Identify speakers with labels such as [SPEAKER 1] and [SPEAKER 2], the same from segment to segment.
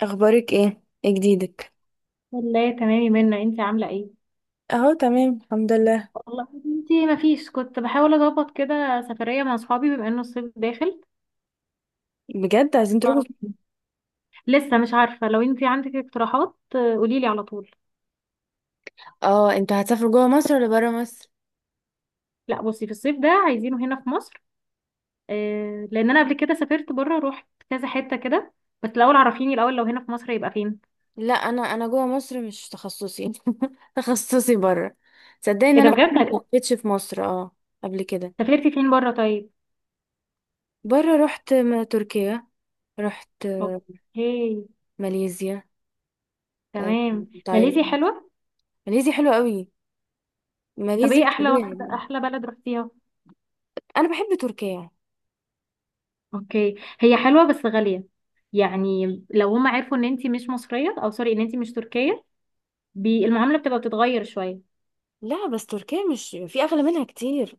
[SPEAKER 1] اخبارك ايه؟ ايه جديدك؟
[SPEAKER 2] والله تمام يا منى، انت عامله ايه؟
[SPEAKER 1] اهو تمام الحمد لله.
[SPEAKER 2] والله انت ما فيش، كنت بحاول اظبط كده سفريه مع اصحابي بما انه الصيف داخل.
[SPEAKER 1] بجد؟ عايزين تروحوا
[SPEAKER 2] ف-
[SPEAKER 1] فين؟
[SPEAKER 2] لسه مش عارفه، لو انت عندك اقتراحات قولي لي على طول.
[SPEAKER 1] اه، انتوا هتسافروا جوه مصر ولا بره مصر؟
[SPEAKER 2] لا، بصي في الصيف ده عايزينه هنا في مصر. لان انا قبل كده سافرت بره، روحت كذا حته كده. بس الاول، عرفيني الاول لو هنا في مصر يبقى فين.
[SPEAKER 1] لا، انا جوه مصر مش تخصصي. تخصصي بره. صدقني ان
[SPEAKER 2] ايه ده
[SPEAKER 1] انا فعلا ما
[SPEAKER 2] بجد؟
[SPEAKER 1] لفيتش في مصر، اه. قبل كده.
[SPEAKER 2] سافرتي فين بره طيب؟
[SPEAKER 1] بره رحت تركيا. رحت
[SPEAKER 2] اوكي.
[SPEAKER 1] ماليزيا. آه،
[SPEAKER 2] تمام، ماليزيا
[SPEAKER 1] تايلاند.
[SPEAKER 2] حلوه.
[SPEAKER 1] ماليزيا حلوة قوي.
[SPEAKER 2] طب
[SPEAKER 1] ماليزيا
[SPEAKER 2] ايه
[SPEAKER 1] طبيعي يعني.
[SPEAKER 2] احلى بلد رحتيها؟
[SPEAKER 1] انا بحب تركيا.
[SPEAKER 2] اوكي. هي حلوة بس غالية. يعني لو هم عرفوا ان انتي مش مصرية او سوري ان انتي مش تركية، بي المعاملة بتبقى بتتغير شوية.
[SPEAKER 1] لا بس تركيا مش في اغلى منها كتير.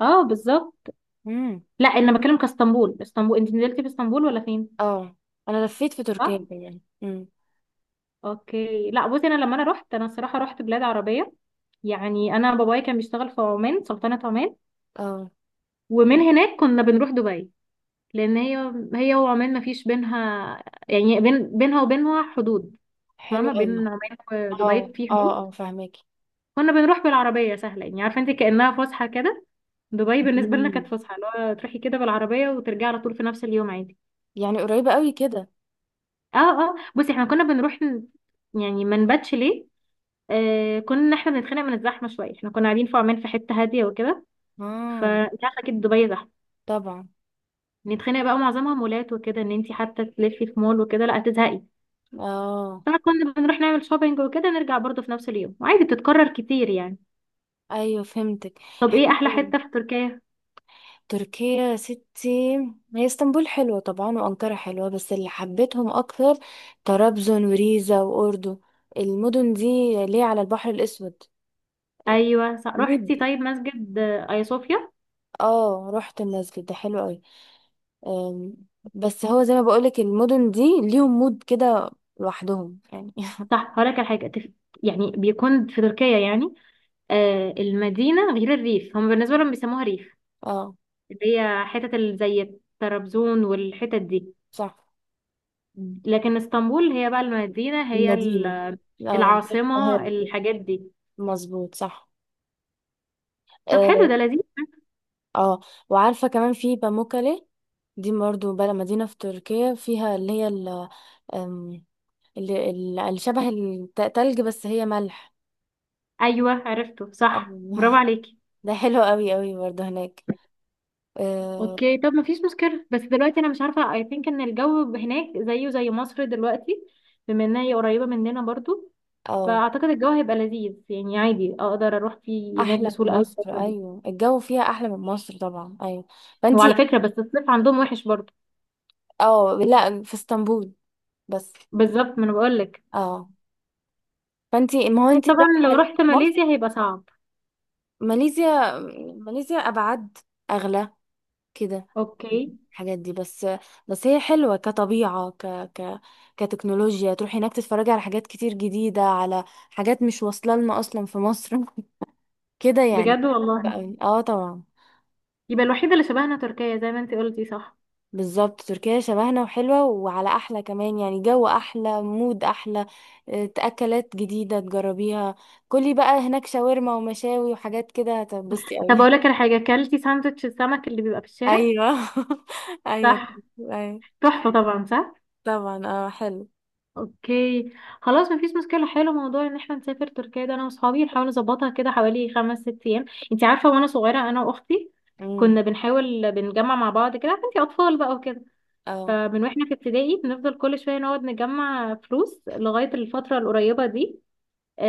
[SPEAKER 2] اه بالظبط.
[SPEAKER 1] امم.
[SPEAKER 2] لا انا بتكلم اسطنبول، انتي نزلتي في اسطنبول ولا فين؟
[SPEAKER 1] اه، انا لفيت في
[SPEAKER 2] صح.
[SPEAKER 1] تركيا يعني.
[SPEAKER 2] اوكي. لا بصي، انا الصراحة رحت بلاد عربية. يعني انا بابايا كان بيشتغل في عمان، سلطنة عمان.
[SPEAKER 1] اه،
[SPEAKER 2] ومن هناك كنا بنروح دبي، لان هي وعمان ما فيش بينها، يعني بينها وبينها حدود.
[SPEAKER 1] حلو
[SPEAKER 2] فاهمة؟ بين
[SPEAKER 1] قوي.
[SPEAKER 2] عمان
[SPEAKER 1] اه
[SPEAKER 2] ودبي في
[SPEAKER 1] اه
[SPEAKER 2] حدود.
[SPEAKER 1] اه، فهماكي.
[SPEAKER 2] كنا بنروح بالعربية، سهلة يعني، عارفة انت كأنها فسحة كده. دبي بالنسبة لنا
[SPEAKER 1] مم.
[SPEAKER 2] كانت فسحة، اللي هو تروحي كده بالعربية وترجعي على طول في نفس اليوم عادي.
[SPEAKER 1] يعني قريبة قوي كده.
[SPEAKER 2] اه اه، بصي احنا كنا بنروح يعني ما نباتش ليه. كنا احنا بنتخانق من الزحمة شوية، احنا كنا قاعدين في عمان في حتة هادية وكده،
[SPEAKER 1] اه،
[SPEAKER 2] فانت عارفة اكيد دبي زحمة.
[SPEAKER 1] طبعا.
[SPEAKER 2] نتخانق بقى، معظمها مولات وكده، ان انت حتى تلفي في مول وكده لا هتزهقي.
[SPEAKER 1] اه،
[SPEAKER 2] فكنا بنروح نعمل شوبينج وكده، نرجع برضه في نفس اليوم، وعادي بتتكرر كتير يعني.
[SPEAKER 1] ايوه، فهمتك.
[SPEAKER 2] طب ايه
[SPEAKER 1] حلو
[SPEAKER 2] احلى
[SPEAKER 1] قوي.
[SPEAKER 2] حتة في تركيا؟
[SPEAKER 1] تركيا يا ستي. هي اسطنبول حلوة طبعا، وأنقرة حلوة، بس اللي حبيتهم أكتر طرابزون وريزا وأردو. المدن دي، ليه على البحر الأسود.
[SPEAKER 2] ايوه صح.
[SPEAKER 1] مد
[SPEAKER 2] رحتي طيب مسجد ايا صوفيا؟
[SPEAKER 1] اه، رحت المسجد ده، حلو قوي. أم، بس هو زي ما بقولك المدن دي ليهم مود كده لوحدهم يعني.
[SPEAKER 2] صح، هقولك على حاجة يعني بيكون في تركيا يعني المدينة غير الريف، هم بالنسبة لهم بيسموها ريف،
[SPEAKER 1] اه،
[SPEAKER 2] اللي هي حتت زي طرابزون والحتت دي.
[SPEAKER 1] صح.
[SPEAKER 2] لكن اسطنبول هي بقى المدينة، هي
[SPEAKER 1] المدينة. اه، زي
[SPEAKER 2] العاصمة،
[SPEAKER 1] القاهرة كده.
[SPEAKER 2] الحاجات دي.
[SPEAKER 1] مظبوط، صح.
[SPEAKER 2] طب حلو،
[SPEAKER 1] اه.
[SPEAKER 2] ده لذيذ.
[SPEAKER 1] آه. وعارفة كمان في باموكالي. دي برضه بلد، مدينة في تركيا، فيها اللي هي ال- أم، اللي اللي شبه التلج بس هي ملح.
[SPEAKER 2] أيوه عرفته، صح
[SPEAKER 1] أو-
[SPEAKER 2] برافو عليكي.
[SPEAKER 1] ده حلو قوي قوي برضه هناك. اه.
[SPEAKER 2] اوكي طب مفيش مشكلة، بس دلوقتي انا مش عارفة، I think ان الجو هناك زيه زي مصر دلوقتي، بما انها هي قريبة مننا برضو.
[SPEAKER 1] آه.
[SPEAKER 2] فاعتقد الجو هيبقى لذيذ، يعني عادي اقدر اروح فيه هناك
[SPEAKER 1] احلى من
[SPEAKER 2] بسهوله قوي
[SPEAKER 1] مصر،
[SPEAKER 2] الفتره دي.
[SPEAKER 1] ايوه، الجو فيها احلى من مصر طبعا، ايوه.
[SPEAKER 2] وعلى
[SPEAKER 1] فانتي.
[SPEAKER 2] فكره بس الصيف عندهم وحش برضه.
[SPEAKER 1] اه، لا، في اسطنبول بس.
[SPEAKER 2] بالظبط، ما انا بقول لك.
[SPEAKER 1] اه. فانتي، ما هو انتي بقى
[SPEAKER 2] طبعا لو
[SPEAKER 1] خليكي
[SPEAKER 2] رحت
[SPEAKER 1] في مصر.
[SPEAKER 2] ماليزيا هيبقى صعب.
[SPEAKER 1] ماليزيا. ماليزيا أبعد. أغلى. كده.
[SPEAKER 2] اوكي.
[SPEAKER 1] الحاجات دي بس. بس هي حلوة كطبيعة، ك ك كتكنولوجيا، تروحي هناك تتفرجي على حاجات كتير جديدة، على حاجات مش واصلة لنا أصلا في مصر. كده يعني.
[SPEAKER 2] بجد
[SPEAKER 1] حلوة
[SPEAKER 2] والله.
[SPEAKER 1] أوي. اه، طبعا.
[SPEAKER 2] يبقى الوحيده اللي شبهنا تركيا زي ما انت قلتي، صح؟
[SPEAKER 1] بالظبط تركيا شبهنا وحلوة وعلى أحلى كمان، يعني جو أحلى، مود أحلى. أكلات جديدة تجربيها. كلي بقى هناك شاورما ومشاوي وحاجات كده هتتبسطي أوي.
[SPEAKER 2] طب اقول لك على حاجه، اكلتي ساندوتش السمك اللي بيبقى في الشارع؟
[SPEAKER 1] أيوه. أيوه.
[SPEAKER 2] صح.
[SPEAKER 1] أيوه.
[SPEAKER 2] تحفه طبعا، صح.
[SPEAKER 1] طبعا، اه، حلو.
[SPEAKER 2] اوكي. خلاص مفيش مشكله، حلو موضوع ان احنا نسافر تركيا ده. انا واصحابي نحاول نظبطها كده حوالي 5 6 ايام. انت عارفه، وانا صغيره انا واختي،
[SPEAKER 1] امم.
[SPEAKER 2] كنا بنحاول بنجمع مع بعض كده، عارفه انت اطفال بقى وكده.
[SPEAKER 1] اه.
[SPEAKER 2] فمن واحنا في ابتدائي بنفضل كل شويه نقعد نجمع فلوس لغايه الفتره القريبه دي،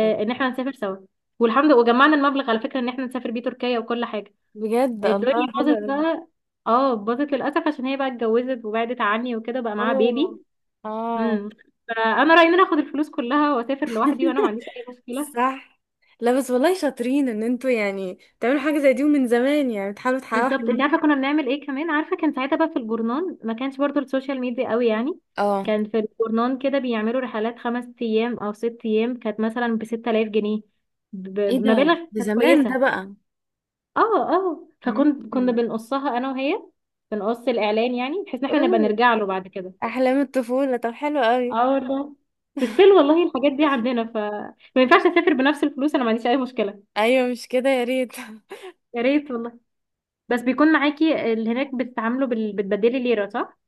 [SPEAKER 1] تمام.
[SPEAKER 2] ان احنا نسافر سوا. والحمد لله وجمعنا المبلغ على فكره ان احنا نسافر بيه تركيا وكل حاجه.
[SPEAKER 1] بجد؟
[SPEAKER 2] الدنيا
[SPEAKER 1] الله، حلو
[SPEAKER 2] باظت
[SPEAKER 1] أوي.
[SPEAKER 2] بقى. اه باظت للاسف، عشان هي بقى اتجوزت وبعدت عني وكده، بقى معاها
[SPEAKER 1] اوه.
[SPEAKER 2] بيبي.
[SPEAKER 1] اه.
[SPEAKER 2] امم. فانا رايي ان انا اخد الفلوس كلها واسافر لوحدي، وانا ما عنديش اي مشكله.
[SPEAKER 1] صح. لا بس والله شاطرين ان انتوا يعني تعملوا حاجة زي دي، ومن زمان يعني بتحاولوا تحققوا
[SPEAKER 2] بالظبط، انت
[SPEAKER 1] حلمكم.
[SPEAKER 2] عارفه كنا بنعمل ايه كمان؟ عارفه كان ساعتها بقى في الجورنان، ما كانش برضو السوشيال ميديا قوي يعني.
[SPEAKER 1] اه.
[SPEAKER 2] كان في الجورنان كده بيعملوا رحلات 5 ايام او 6 ايام، كانت مثلا ب 6000 جنيه،
[SPEAKER 1] ايه ده؟
[SPEAKER 2] بمبالغ
[SPEAKER 1] ده
[SPEAKER 2] كانت
[SPEAKER 1] زمان ده
[SPEAKER 2] كويسه.
[SPEAKER 1] بقى.
[SPEAKER 2] اه اه، كنا
[SPEAKER 1] مم.
[SPEAKER 2] بنقصها انا وهي، بنقص الاعلان يعني، بحيث ان احنا نبقى
[SPEAKER 1] اوه.
[SPEAKER 2] نرجع له بعد كده.
[SPEAKER 1] احلام الطفولة، طب حلو قوي.
[SPEAKER 2] اه والله. بس still والله الحاجات دي عندنا ف، ما ينفعش اسافر بنفس الفلوس، انا ما عنديش اي مشكله.
[SPEAKER 1] ايوه مش كده، يا ريت.
[SPEAKER 2] يا ريت والله. بس بيكون معاكي اللي هناك، بتتعاملوا بتبدلي ليرة صح؟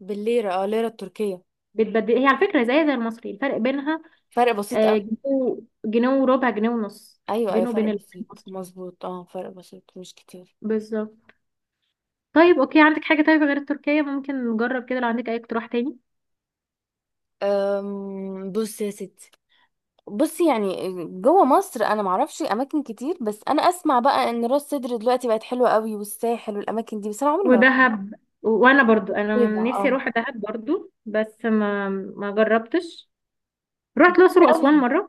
[SPEAKER 1] بالليرة، اه، ليرة التركية.
[SPEAKER 2] بتبدلي هي على فكرة زي المصري، الفرق بينها
[SPEAKER 1] فرق بسيط قوي.
[SPEAKER 2] جنيه، جنيه وربع، جنيه ونص،
[SPEAKER 1] ايوه ايوه،
[SPEAKER 2] بينه
[SPEAKER 1] فرق
[SPEAKER 2] وبين
[SPEAKER 1] بسيط
[SPEAKER 2] المصري.
[SPEAKER 1] مظبوط، اه، فرق بسيط مش كتير.
[SPEAKER 2] بالظبط. طيب اوكي، عندك حاجة طيب غير التركية ممكن نجرب كده، لو عندك اي اقتراح تاني؟
[SPEAKER 1] بص يا ستي. بصي يعني. جوه مصر انا معرفش اماكن كتير، بس انا اسمع بقى ان راس سدر دلوقتي بقت حلوه قوي، والساحل والاماكن دي، بس انا عمري ما رحت.
[SPEAKER 2] ودهب. وانا برضو
[SPEAKER 1] بعيدة،
[SPEAKER 2] انا نفسي
[SPEAKER 1] اه.
[SPEAKER 2] اروح دهب برضو، بس ما جربتش. رحت الاقصر
[SPEAKER 1] قوي.
[SPEAKER 2] واسوان مرة.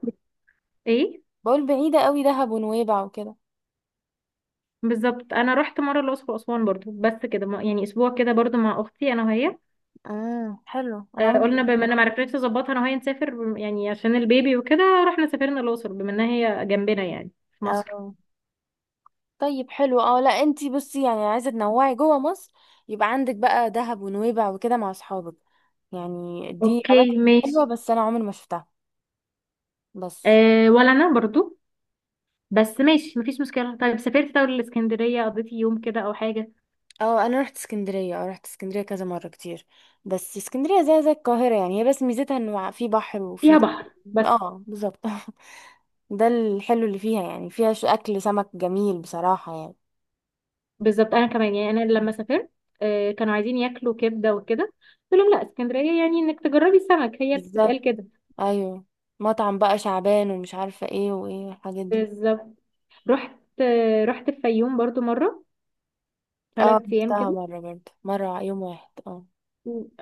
[SPEAKER 2] ايه.
[SPEAKER 1] بقول بعيده قوي، دهب ونويبع وكده.
[SPEAKER 2] بالظبط انا رحت مرة الاقصر واسوان برضو، بس كده يعني اسبوع كده برضو مع اختي، انا وهي.
[SPEAKER 1] حلو، انا عمري ما
[SPEAKER 2] قلنا بما
[SPEAKER 1] رحت.
[SPEAKER 2] ان معرفناش نظبطها انا وهي نسافر يعني عشان البيبي وكده، رحنا الاقصر بما انها هي جنبنا يعني، في مصر.
[SPEAKER 1] اه. طيب، حلو، اه، لا، انتي بصي يعني عايزه تنوعي جوه مصر، يبقى عندك بقى دهب ونويبع وكده مع اصحابك. يعني دي اماكن
[SPEAKER 2] اوكي
[SPEAKER 1] حلوه
[SPEAKER 2] ماشي.
[SPEAKER 1] بس انا عمري ما شفتها. بس.
[SPEAKER 2] أه ولا انا برضو. بس ماشي مفيش مشكله. طيب سافرت طول الاسكندريه، قضيت يوم كده او حاجه؟
[SPEAKER 1] اه، انا رحت اسكندريه، اه، رحت اسكندريه كذا مره كتير. بس اسكندريه زي القاهره يعني، هي بس ميزتها انه في بحر وفي.
[SPEAKER 2] فيها بحر بس.
[SPEAKER 1] اه، بالظبط. ده الحلو اللي فيها، يعني فيها اكل سمك جميل بصراحه يعني.
[SPEAKER 2] بالظبط. انا كمان يعني انا لما سافرت، كانوا عايزين ياكلوا كبده وكده، قلت لهم لا اسكندريه يعني انك تجربي السمك، هي بتتقال
[SPEAKER 1] بالظبط،
[SPEAKER 2] كده.
[SPEAKER 1] ايوه. مطعم بقى شعبان ومش عارفه ايه وايه الحاجات دي.
[SPEAKER 2] بالظبط. رحت. رحت الفيوم برضو مره،
[SPEAKER 1] اه،
[SPEAKER 2] 3 ايام
[SPEAKER 1] رحتها
[SPEAKER 2] كده.
[SPEAKER 1] مره برضه مره يوم واحد، اه.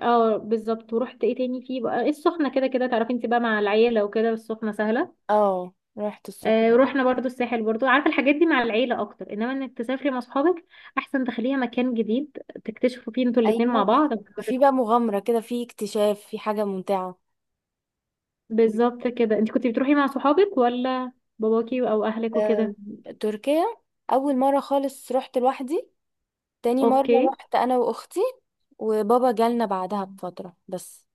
[SPEAKER 2] اه بالظبط. ورحت ايه تاني؟ فيه بقى السخنه، كده كده تعرفي انت بقى مع العيله وكده، السخنه سهله.
[SPEAKER 1] اه، رحت السخنه.
[SPEAKER 2] رحنا برضو الساحل برضو، عارفه الحاجات دي مع العيله اكتر، انما انك تسافري مع اصحابك احسن، تخليها مكان جديد تكتشفوا فيه انتوا الاتنين مع
[SPEAKER 1] ايوه،
[SPEAKER 2] بعض، ما
[SPEAKER 1] في
[SPEAKER 2] تت-
[SPEAKER 1] بقى مغامره كده، في اكتشاف، في حاجه ممتعه.
[SPEAKER 2] بالظبط كده. انت كنت بتروحي مع صحابك ولا باباكي او اهلك
[SPEAKER 1] آه،
[SPEAKER 2] وكده؟
[SPEAKER 1] تركيا. اول مره خالص رحت لوحدي. تاني مره
[SPEAKER 2] اوكي.
[SPEAKER 1] رحت انا واختي. وبابا جالنا بعدها بفتره بس.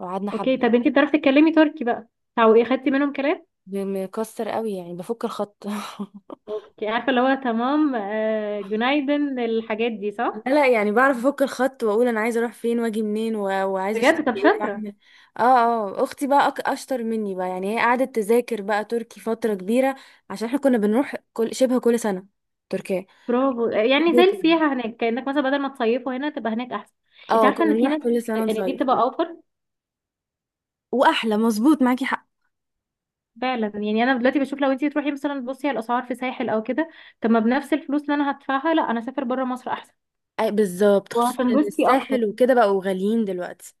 [SPEAKER 1] وقعدنا
[SPEAKER 2] اوكي
[SPEAKER 1] حبه.
[SPEAKER 2] طب انت بتعرفي تتكلمي تركي بقى، او ايه خدتي منهم كلام؟
[SPEAKER 1] مكسر قوي يعني، بفك الخط.
[SPEAKER 2] اوكي عارفه، اللي هو تمام جنايدن، الحاجات دي
[SPEAKER 1] لا،
[SPEAKER 2] صح.
[SPEAKER 1] لا، يعني بعرف افك الخط واقول انا عايزه اروح فين واجي منين، و... وعايزه اشتري
[SPEAKER 2] بجد طب
[SPEAKER 1] ايه واعمل
[SPEAKER 2] شاطره.
[SPEAKER 1] إيه. اه اه، اختي بقى اشطر مني بقى، يعني هي قعدت تذاكر بقى تركي فتره كبيره عشان احنا كنا بنروح شبه كل سنه تركيا.
[SPEAKER 2] برافو، يعني زي
[SPEAKER 1] بتذاكر.
[SPEAKER 2] السياحة هناك، كأنك مثلا بدل ما تصيفوا هنا تبقى هناك أحسن. انت
[SPEAKER 1] اه،
[SPEAKER 2] عارفة
[SPEAKER 1] كنا
[SPEAKER 2] ان في
[SPEAKER 1] بنروح
[SPEAKER 2] ناس
[SPEAKER 1] كل سنه
[SPEAKER 2] ان دي
[SPEAKER 1] نصيف.
[SPEAKER 2] بتبقى اوفر.
[SPEAKER 1] واحلى، مظبوط، معاكي حق.
[SPEAKER 2] فعلا، يعني انا دلوقتي بشوف لو انت تروحي مثلا تبصي على الاسعار في ساحل او كده، طب ما بنفس الفلوس اللي انا هدفعها، لا انا اسافر بره مصر احسن
[SPEAKER 1] أي، بالظبط، خصوصا ان
[SPEAKER 2] وهتنبسطي اكتر.
[SPEAKER 1] الساحل وكده بقوا غاليين دلوقتي.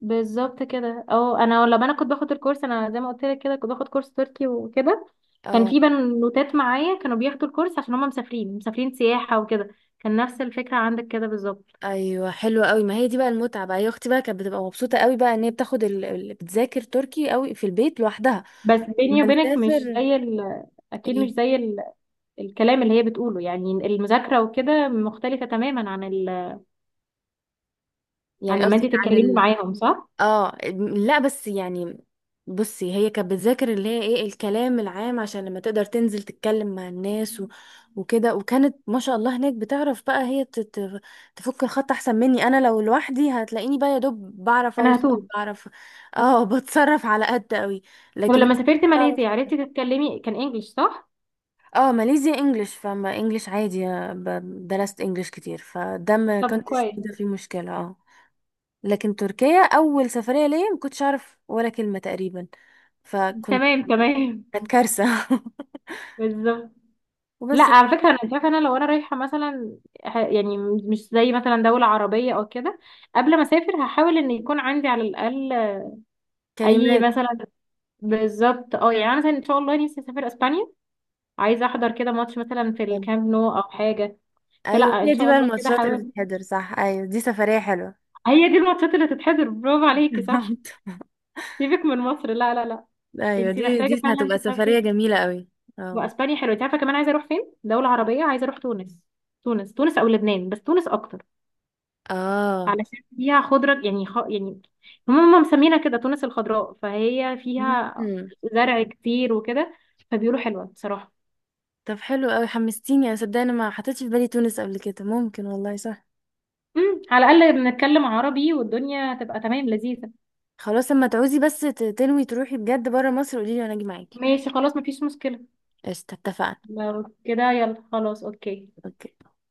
[SPEAKER 2] بالظبط كده. او انا لما انا كنت باخد الكورس، انا زي ما قلت لك كده كنت باخد كورس تركي وكده، كان
[SPEAKER 1] اه،
[SPEAKER 2] في بنوتات معايا كانوا بياخدوا الكورس عشان هم مسافرين سياحة وكده، كان نفس الفكرة عندك كده بالظبط.
[SPEAKER 1] ايوه، حلوه قوي، ما هي دي بقى المتعه بقى، هي اختي بقى كانت بتبقى مبسوطه قوي بقى ان هي بتاخد بتذاكر تركي قوي في البيت لوحدها.
[SPEAKER 2] بس بيني
[SPEAKER 1] لما
[SPEAKER 2] وبينك مش
[SPEAKER 1] نسافر.
[SPEAKER 2] زي اكيد
[SPEAKER 1] ايه.
[SPEAKER 2] مش زي الكلام اللي هي بتقوله، يعني المذاكرة وكده مختلفة تماما عن عن
[SPEAKER 1] يعني
[SPEAKER 2] لما
[SPEAKER 1] قصدي
[SPEAKER 2] انت تتكلمي
[SPEAKER 1] عن.
[SPEAKER 2] معاهم صح؟
[SPEAKER 1] اه، لا، بس يعني. بصي، هي كانت بتذاكر اللي هي، ايه، الكلام العام عشان لما تقدر تنزل تتكلم مع الناس، وكده، وكانت ما شاء الله هناك بتعرف بقى، هي تفك الخط احسن مني. انا لو لوحدي هتلاقيني بقى يا دوب بعرف
[SPEAKER 2] انا
[SPEAKER 1] اوصل،
[SPEAKER 2] هتوه.
[SPEAKER 1] بعرف. اه، بتصرف على قد قوي.
[SPEAKER 2] طب
[SPEAKER 1] لكن هي
[SPEAKER 2] لما سافرت
[SPEAKER 1] بتعرف.
[SPEAKER 2] ماليزيا عرفتي تتكلمي كان انجلش صح؟
[SPEAKER 1] اه، ماليزيا انجلش، فما انجلش عادي. درست انجلش كتير، فده ما
[SPEAKER 2] طب
[SPEAKER 1] كنتش
[SPEAKER 2] كويس.
[SPEAKER 1] موجودة فيه مشكلة، اه. لكن تركيا اول سفريه ليا ما كنتش اعرف ولا كلمه تقريبا. فكنت
[SPEAKER 2] تمام تمام.
[SPEAKER 1] كانت كارثه.
[SPEAKER 2] بالظبط. لا
[SPEAKER 1] وبس.
[SPEAKER 2] على فكرة انا شايفة، لو انا رايحة مثلا يعني مش زي مثلا دولة عربية او كده، قبل ما اسافر هحاول ان يكون عندي على الاقل اي
[SPEAKER 1] كلمات.
[SPEAKER 2] مثلا. بالظبط اه، يعني انا مثلا ان شاء الله نفسي اسافر اسبانيا، عايزة احضر كده ماتش مثلا في
[SPEAKER 1] حلوة.
[SPEAKER 2] الكامب نو او حاجة. فلا
[SPEAKER 1] ايوه
[SPEAKER 2] ان
[SPEAKER 1] هي دي
[SPEAKER 2] شاء
[SPEAKER 1] بقى
[SPEAKER 2] الله كده
[SPEAKER 1] الماتشات اللي
[SPEAKER 2] حاول.
[SPEAKER 1] بتتحضر، صح، ايوه دي سفريه حلوه.
[SPEAKER 2] هي دي الماتشات اللي تتحضر، برافو عليكي، صح. سيبك من مصر، لا لا لا.
[SPEAKER 1] ايوه
[SPEAKER 2] انت
[SPEAKER 1] دي
[SPEAKER 2] محتاجه
[SPEAKER 1] دي
[SPEAKER 2] فعلا
[SPEAKER 1] هتبقى سفريه
[SPEAKER 2] تسافري.
[SPEAKER 1] جميله قوي. اه.
[SPEAKER 2] واسبانيا حلوه. انت عارفه كمان عايزه اروح فين؟ دوله عربيه، عايزه اروح تونس. تونس تونس او لبنان، بس تونس اكتر،
[SPEAKER 1] اه.
[SPEAKER 2] علشان فيها خضره يعني يعني هم مسمينها كده تونس الخضراء، فهي فيها
[SPEAKER 1] مم.
[SPEAKER 2] زرع كتير وكده، فبيقولوا حلوه بصراحه.
[SPEAKER 1] طب حلو قوي، حمستيني، انا صدقني أنا ما حطيتش في بالي تونس قبل كده، ممكن والله، صح.
[SPEAKER 2] على الاقل بنتكلم عربي والدنيا هتبقى تمام لذيذه.
[SPEAKER 1] خلاص، اما تعوزي بس تنوي تروحي بجد بره مصر قولي لي وانا اجي معاكي.
[SPEAKER 2] ماشي خلاص مفيش مشكله.
[SPEAKER 1] قشطه، اتفقنا.
[SPEAKER 2] لو كده يلا خلاص، اوكي.
[SPEAKER 1] أوكي.